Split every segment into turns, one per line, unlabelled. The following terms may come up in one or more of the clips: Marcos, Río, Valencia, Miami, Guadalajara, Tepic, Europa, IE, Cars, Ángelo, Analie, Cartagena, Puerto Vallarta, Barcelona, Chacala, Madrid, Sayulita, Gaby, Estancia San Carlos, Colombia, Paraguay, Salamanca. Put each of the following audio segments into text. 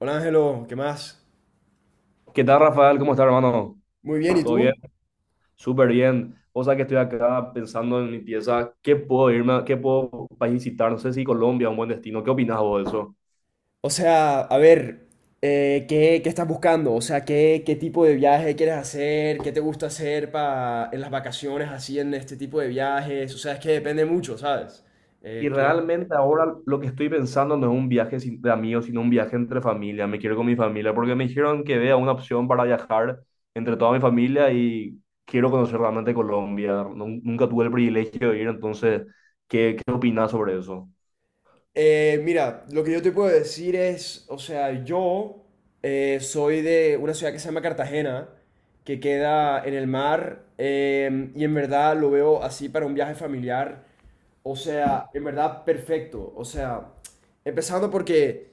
Hola Ángelo, ¿qué más?
¿Qué tal, Rafael? ¿Cómo estás, hermano?
Muy bien, ¿y
¿Todo bien?
tú?
Súper bien. O sea que estoy acá pensando en mi pieza. ¿Qué puedo irme, qué puedo país visitar? No sé si Colombia es un buen destino. ¿Qué opinas vos de eso?
O sea, a ver, qué estás buscando? O sea, qué tipo de viaje quieres hacer? ¿Qué te gusta hacer en las vacaciones así en este tipo de viajes? O sea, es que depende mucho, ¿sabes?
Y
Eh, ¿qué-
realmente ahora lo que estoy pensando no es un viaje sin- de amigos, sino un viaje entre familia. Me quiero ir con mi familia porque me dijeron que vea una opción para viajar entre toda mi familia y quiero conocer realmente Colombia. Nunca tuve el privilegio de ir, entonces, ¿qué opinas sobre eso?
Mira, lo que yo te puedo decir es, o sea, yo soy de una ciudad que se llama Cartagena, que queda en el mar, y en verdad lo veo así para un viaje familiar. O sea, en verdad, perfecto. O sea, empezando porque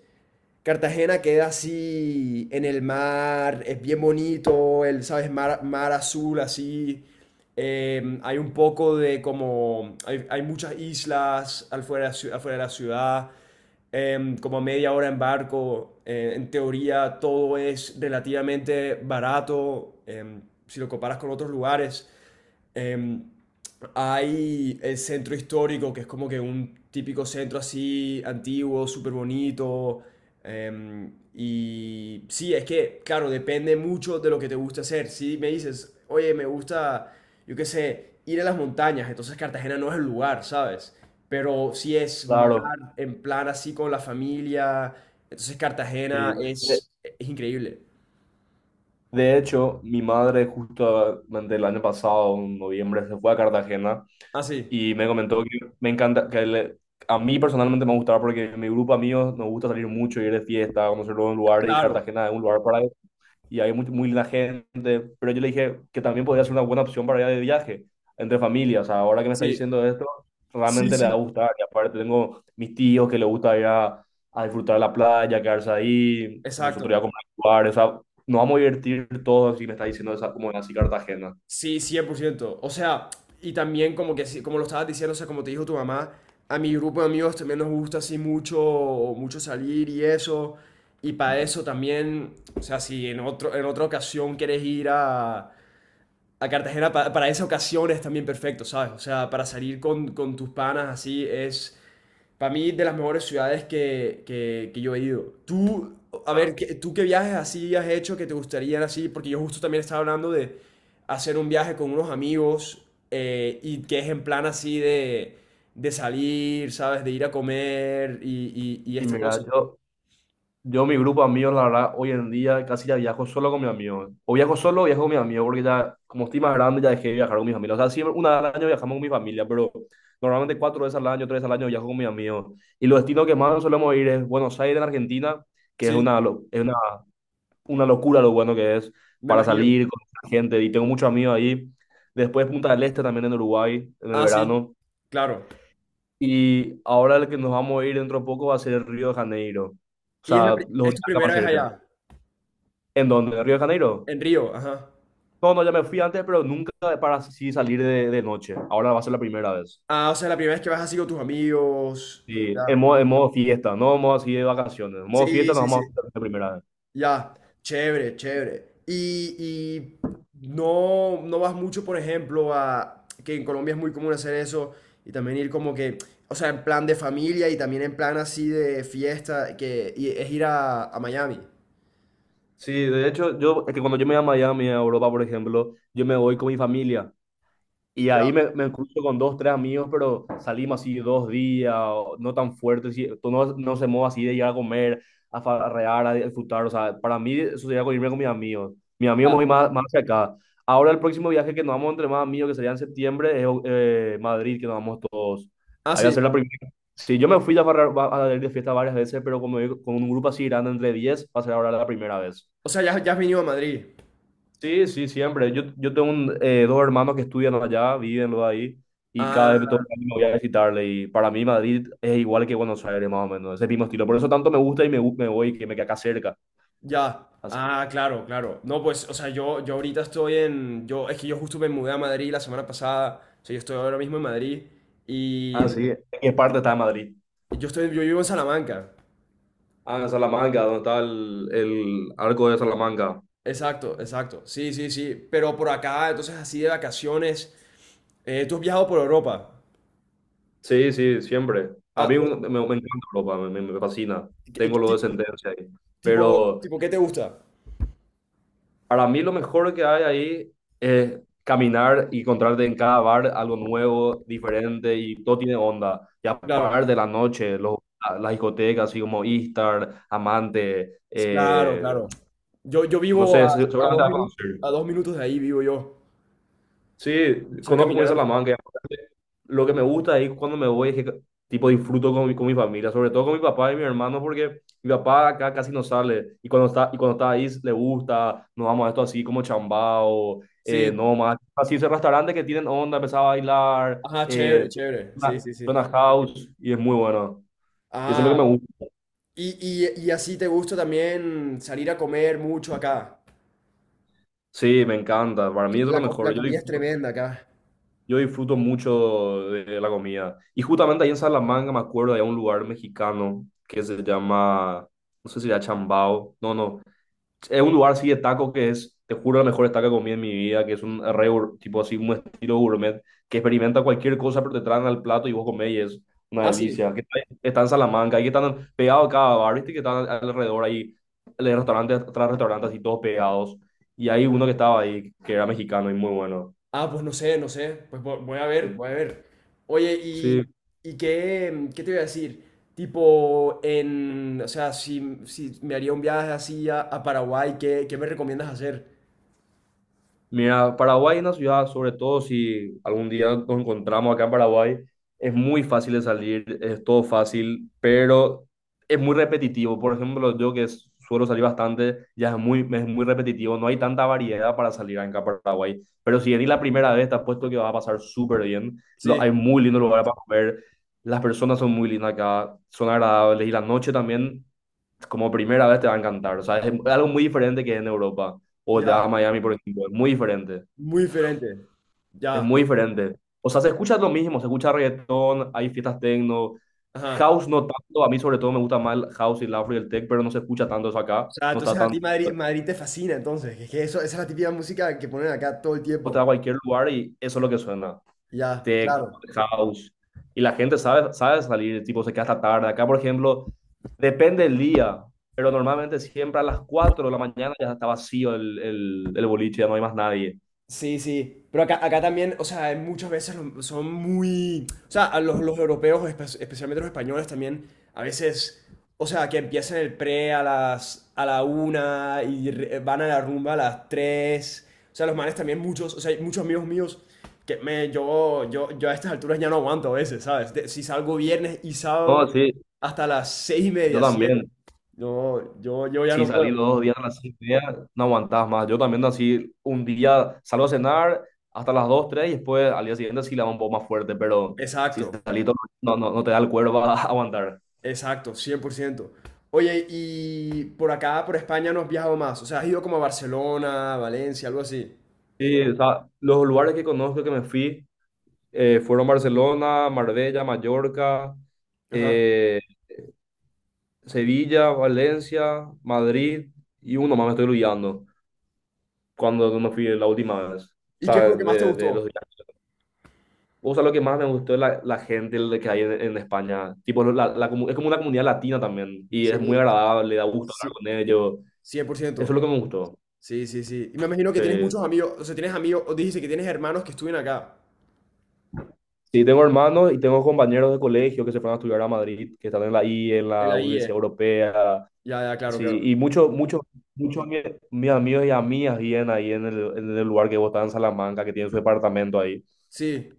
Cartagena queda así en el mar, es bien bonito, ¿sabes? Mar azul así. Hay un poco de como, hay muchas islas afuera, afuera de la ciudad, como a media hora en barco. En teoría todo es relativamente barato, si lo comparas con otros lugares. Em, hay el centro histórico, que es como que un típico centro así antiguo, súper bonito. Y sí, es que, claro, depende mucho de lo que te gusta hacer. Si me dices, oye, me gusta, yo qué sé, ir a las montañas, entonces Cartagena no es el lugar, ¿sabes? Pero si es mar,
Claro,
en plan así con la familia, entonces Cartagena
sí.
es increíble.
De hecho, mi madre justamente el año pasado, en noviembre, se fue a Cartagena
Ah, sí,
y me comentó que me encanta, a mí personalmente me gustaba porque en mi grupo de amigos nos gusta salir mucho, ir de fiesta, conocer nuevos lugares y
claro,
Cartagena es un lugar y hay muy, muy linda gente, pero yo le dije que también podría ser una buena opción para ir de viaje entre familias. O sea, ahora que me está
sí,
diciendo esto,
sí,
realmente le va a
sí,
gustar. Y aparte tengo mis tíos que les gusta a disfrutar de la playa, quedarse ahí, nosotros
exacto.
ya comprar lugares, o sea, nos vamos a divertir todos y me está diciendo esa, como así Cartagena.
Sí, 100%. O sea, y también como que, como lo estabas diciendo, o sea, como te dijo tu mamá, a mi grupo de amigos también nos gusta así mucho, mucho salir y eso. Y para eso también, o sea, si en otro, en otra ocasión quieres ir a Cartagena, para esa ocasión es también perfecto, ¿sabes? O sea, para salir con tus panas así es para mí, de las mejores ciudades que yo he ido. Tú, a ver, ¿tú qué viajes así has hecho que te gustarían así? Porque yo justo también estaba hablando de hacer un viaje con unos amigos y que es en plan así de salir, ¿sabes? De ir a comer y
Y
esta cosa.
mira, yo, mi grupo de amigos, la verdad, hoy en día casi ya viajo solo con mis amigos. O viajo solo o viajo con mis amigos, porque ya, como estoy más grande, ya dejé de viajar con mis amigos. O sea, siempre una vez al año viajamos con mi familia, pero normalmente 4 veces al año, 3 veces al año viajo con mis amigos. Y los destinos que más solemos ir es Buenos Aires, en Argentina, que es
Sí,
una, lo- es una locura lo bueno que es
me
para
imagino.
salir con la gente. Y tengo muchos amigos ahí. Después Punta del Este también en Uruguay, en el
Ah, sí,
verano.
claro.
Y ahora el que nos vamos a ir dentro de poco va a ser Río de Janeiro. O
Y es,
sea, los
es
viajes
tu primera
más
vez
cerca.
allá,
¿En dónde? ¿En Río de Janeiro?
en Río, ajá.
No, no, ya me fui antes, pero nunca para así salir de noche. Ahora va a ser la primera vez.
Ah, o sea, la primera vez que vas así con tus amigos.
Sí,
Ya.
en modo fiesta, no en modo así de vacaciones. En modo
Sí,
fiesta nos
sí,
vamos
sí.
a juntar la primera vez.
Ya, chévere, chévere. Y no, no vas mucho, por ejemplo, a que en Colombia es muy común hacer eso y también ir como que, o sea, en plan de familia y también en plan así de fiesta, que y es ir a Miami.
Sí, de hecho, yo, es que cuando yo me voy a Miami, a Europa, por ejemplo, yo me voy con mi familia. Y
Ya,
ahí me cruzo con dos, tres amigos, pero salimos así dos días, o no tan fuertes, no, no se mueve así de ir a comer, a farrear, a disfrutar. O sea, para mí eso sería con irme con mis amigos. Mis amigos me
ya.
voy más, más hacia acá. Ahora el próximo viaje que nos vamos entre más amigos, que sería en septiembre, es Madrid, que nos vamos todos.
Ah,
Ahí va a ser
sí.
la primera. Sí, yo me fui a farrear, a ir de fiesta varias veces, pero como digo, con un grupo así grande entre 10 va a ser ahora la primera vez.
O sea, ya, ya has venido a Madrid.
Sí, sí, siempre. Yo tengo un, 2 hermanos que estudian allá, viven los ahí, y cada vez me
Ah,
toca me voy a visitarle. Y para mí Madrid es igual que Buenos Aires, más o menos, ese mismo estilo. Por eso tanto me gusta y me, me voy, que me queda acá cerca.
ya.
Así.
Ah, claro, claro. No, pues, o sea, yo ahorita estoy en, yo, es que yo justo me mudé a Madrid la semana pasada. O sea, yo estoy ahora mismo en Madrid y
Ah, sí. ¿En qué parte está Madrid?
yo vivo en Salamanca.
Ah, en Salamanca, donde está el arco de Salamanca.
Exacto, exacto. Sí, sí, sí. Pero por acá, entonces así de vacaciones. ¿Tú has viajado por Europa?
Sí, sí, siempre.
Ah, por-
Me, me encanta Europa, me fascina.
¿qué- qué
Tengo lo de
ti-
sentencia ahí.
Tipo,
Pero...
tipo, ¿qué te gusta?
Para mí lo mejor que hay ahí es caminar y encontrarte en cada bar algo nuevo, diferente y todo tiene onda. Y
Claro,
aparte la noche, los, las discotecas así como Istar, Amante,
claro, claro. Yo
no
vivo
sé,
a dos
seguramente vas a
minutos, a
conocer.
dos minutos de ahí vivo yo.
Sí,
O sea,
conozco muy bien
caminando.
Salamanca y aparte, lo que me gusta ahí cuando me voy es que tipo disfruto con mi familia, sobre todo con mi papá y mi hermano, porque mi papá acá casi no sale. Y cuando está ahí le gusta, nos vamos a esto así como chambao,
Sí.
no más. Así esos restaurantes que tienen onda, empezar a bailar,
Ajá, chévere, chévere. Sí,
suena,
sí, sí.
suena house y es muy bueno. Y eso es lo
Ah,
que me gusta.
y, y así te gusta también salir a comer mucho acá.
Sí, me encanta. Para
Que
mí eso es lo mejor.
La
Yo
comida es
disfruto.
tremenda acá.
Yo disfruto mucho de la comida. Y justamente ahí en Salamanca me acuerdo de un lugar mexicano que se llama, no sé si era Chambao, no, no. Es un lugar así de taco que es, te juro, la mejor taco que comí en mi vida, que es un tipo así, un estilo gourmet, que experimenta cualquier cosa, pero te traen al plato y vos comés y es una
Ah, sí.
delicia. Está en Salamanca, ahí que están pegados a cada bar, viste que están alrededor ahí, de restaurantes tras restaurantes así todos pegados. Y hay uno que estaba ahí, que era mexicano y muy bueno.
Ah, pues no sé, no sé. Pues voy a ver,
Sí.
voy a ver. Oye,
Sí,
y qué, ¿qué te voy a decir? Tipo, o sea, si me haría un viaje así a Paraguay, ¿qué me recomiendas hacer?
mira, Paraguay es una ciudad, sobre todo si algún día nos encontramos acá en Paraguay, es muy fácil de salir, es todo fácil, pero es muy repetitivo. Por ejemplo, suelo salir bastante, ya es muy repetitivo, no hay tanta variedad para salir acá en Paraguay. Pero si venís la primera vez, te apuesto que vas a pasar súper bien. Lo,
Sí,
hay muy lindos lugares para comer, las personas son muy lindas acá, son agradables y la noche también como primera vez te va a encantar. O sea, es algo muy diferente que en Europa. O te vas a
ya,
Miami, por ejemplo. Es muy diferente.
muy diferente.
Es
Ya,
muy diferente. O sea, se escucha lo mismo. Se escucha reggaetón, hay fiestas techno.
ajá.
House no tanto. A mí, sobre todo, me gusta más el house y el afro y el tech, pero no se escucha tanto eso
O
acá.
sea,
No
entonces
está
a
tan.
ti Madrid te fascina, entonces. Es que eso, esa es la típica música que ponen acá todo el
O te
tiempo.
vas a cualquier lugar y eso es lo que suena.
Ya,
Tech,
claro.
house. Y la gente sabe, sabe salir, tipo, se queda hasta tarde. Acá, por ejemplo, depende del día. Pero normalmente siempre a las 4 de la mañana ya está vacío el boliche, ya no hay más nadie.
Sí, sí, pero acá, acá también, o sea, hay muchas veces son muy, o sea, a los europeos, especialmente los españoles también, a veces, o sea, que empiezan el pre a las, a la una y van a la rumba a las tres, o sea, los manes también muchos, o sea, hay muchos amigos míos que me, yo a estas alturas ya no aguanto a veces, ¿sabes? Si salgo viernes y
No,
sábado
sí,
hasta las seis y
yo
media, siete,
también.
no, yo ya
Si
no
salí
puedo,
2 días a las 6 y media, no aguantás más. Yo también así, un día salgo a cenar hasta las dos, tres, y después al día siguiente sí la va un poco más fuerte, pero si
exacto.
salí todo, no te da el cuerpo a aguantar.
Exacto, 100%. Oye, y por acá, por España, no has viajado más. O sea, has ido como a Barcelona, Valencia, algo así.
Sí, o sea, los lugares que conozco que me fui fueron Barcelona, Marbella, Mallorca,
Ajá.
eh, Sevilla, Valencia, Madrid, y uno más me estoy olvidando cuando me fui la última vez. O
¿Y qué
sea,
fue lo que más te
de los.
gustó?
O sea, lo que más me gustó es la gente de que hay en España. Tipo, la es como una comunidad latina también. Y es muy
Sí,
agradable, da gusto hablar
sí,
con ellos.
cien por
Eso es
ciento.
lo que me gustó.
Sí, sí, sí. Y me imagino que tienes
Sí.
muchos amigos, o sea, tienes amigos, o dijiste que tienes hermanos que estuvieron acá,
Sí, tengo hermanos y tengo compañeros de colegio que se fueron a estudiar a Madrid, que están en la I, en
en
la
la IE.
Universidad Europea.
Ya, ya, claro,
Sí,
claro.
y muchos, muchos, muchos de mis amigos y amigas vienen ahí en el lugar que vos estás en Salamanca, que tienen su departamento ahí.
Sí,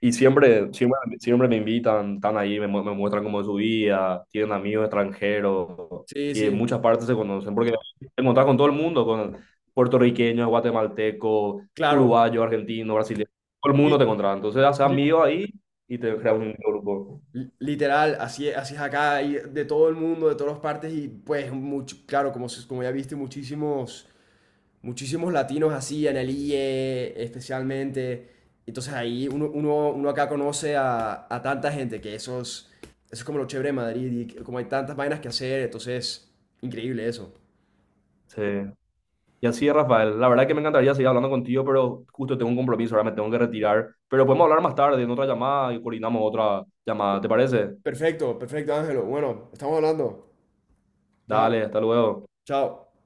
Y siempre, siempre, siempre me invitan, están ahí, me muestran cómo es su vida, tienen amigos extranjeros
sí,
y en
sí,
muchas partes se conocen, porque te encontrás con todo el mundo, con puertorriqueños, guatemaltecos,
claro.
uruguayos, argentinos, brasileños, todo el mundo
Li-
te encontrás. Entonces haces
li-
amigos ahí y te creas un grupo.
Literal, así es acá, y de todo el mundo, de todas las partes, y pues, mucho, claro, como, como ya viste, muchísimos. Muchísimos latinos así, en el Analie especialmente. Entonces ahí uno acá conoce a tanta gente que eso es como lo chévere de Madrid y como hay tantas vainas que hacer, entonces increíble eso.
Sí. Y así es, Rafael. La verdad que me encantaría seguir hablando contigo, pero justo tengo un compromiso, ahora me tengo que retirar. Pero podemos hablar más tarde en otra llamada y coordinamos otra llamada, ¿te parece?
Perfecto, perfecto Ángelo. Bueno, estamos hablando. Chao,
Dale, hasta luego.
chao.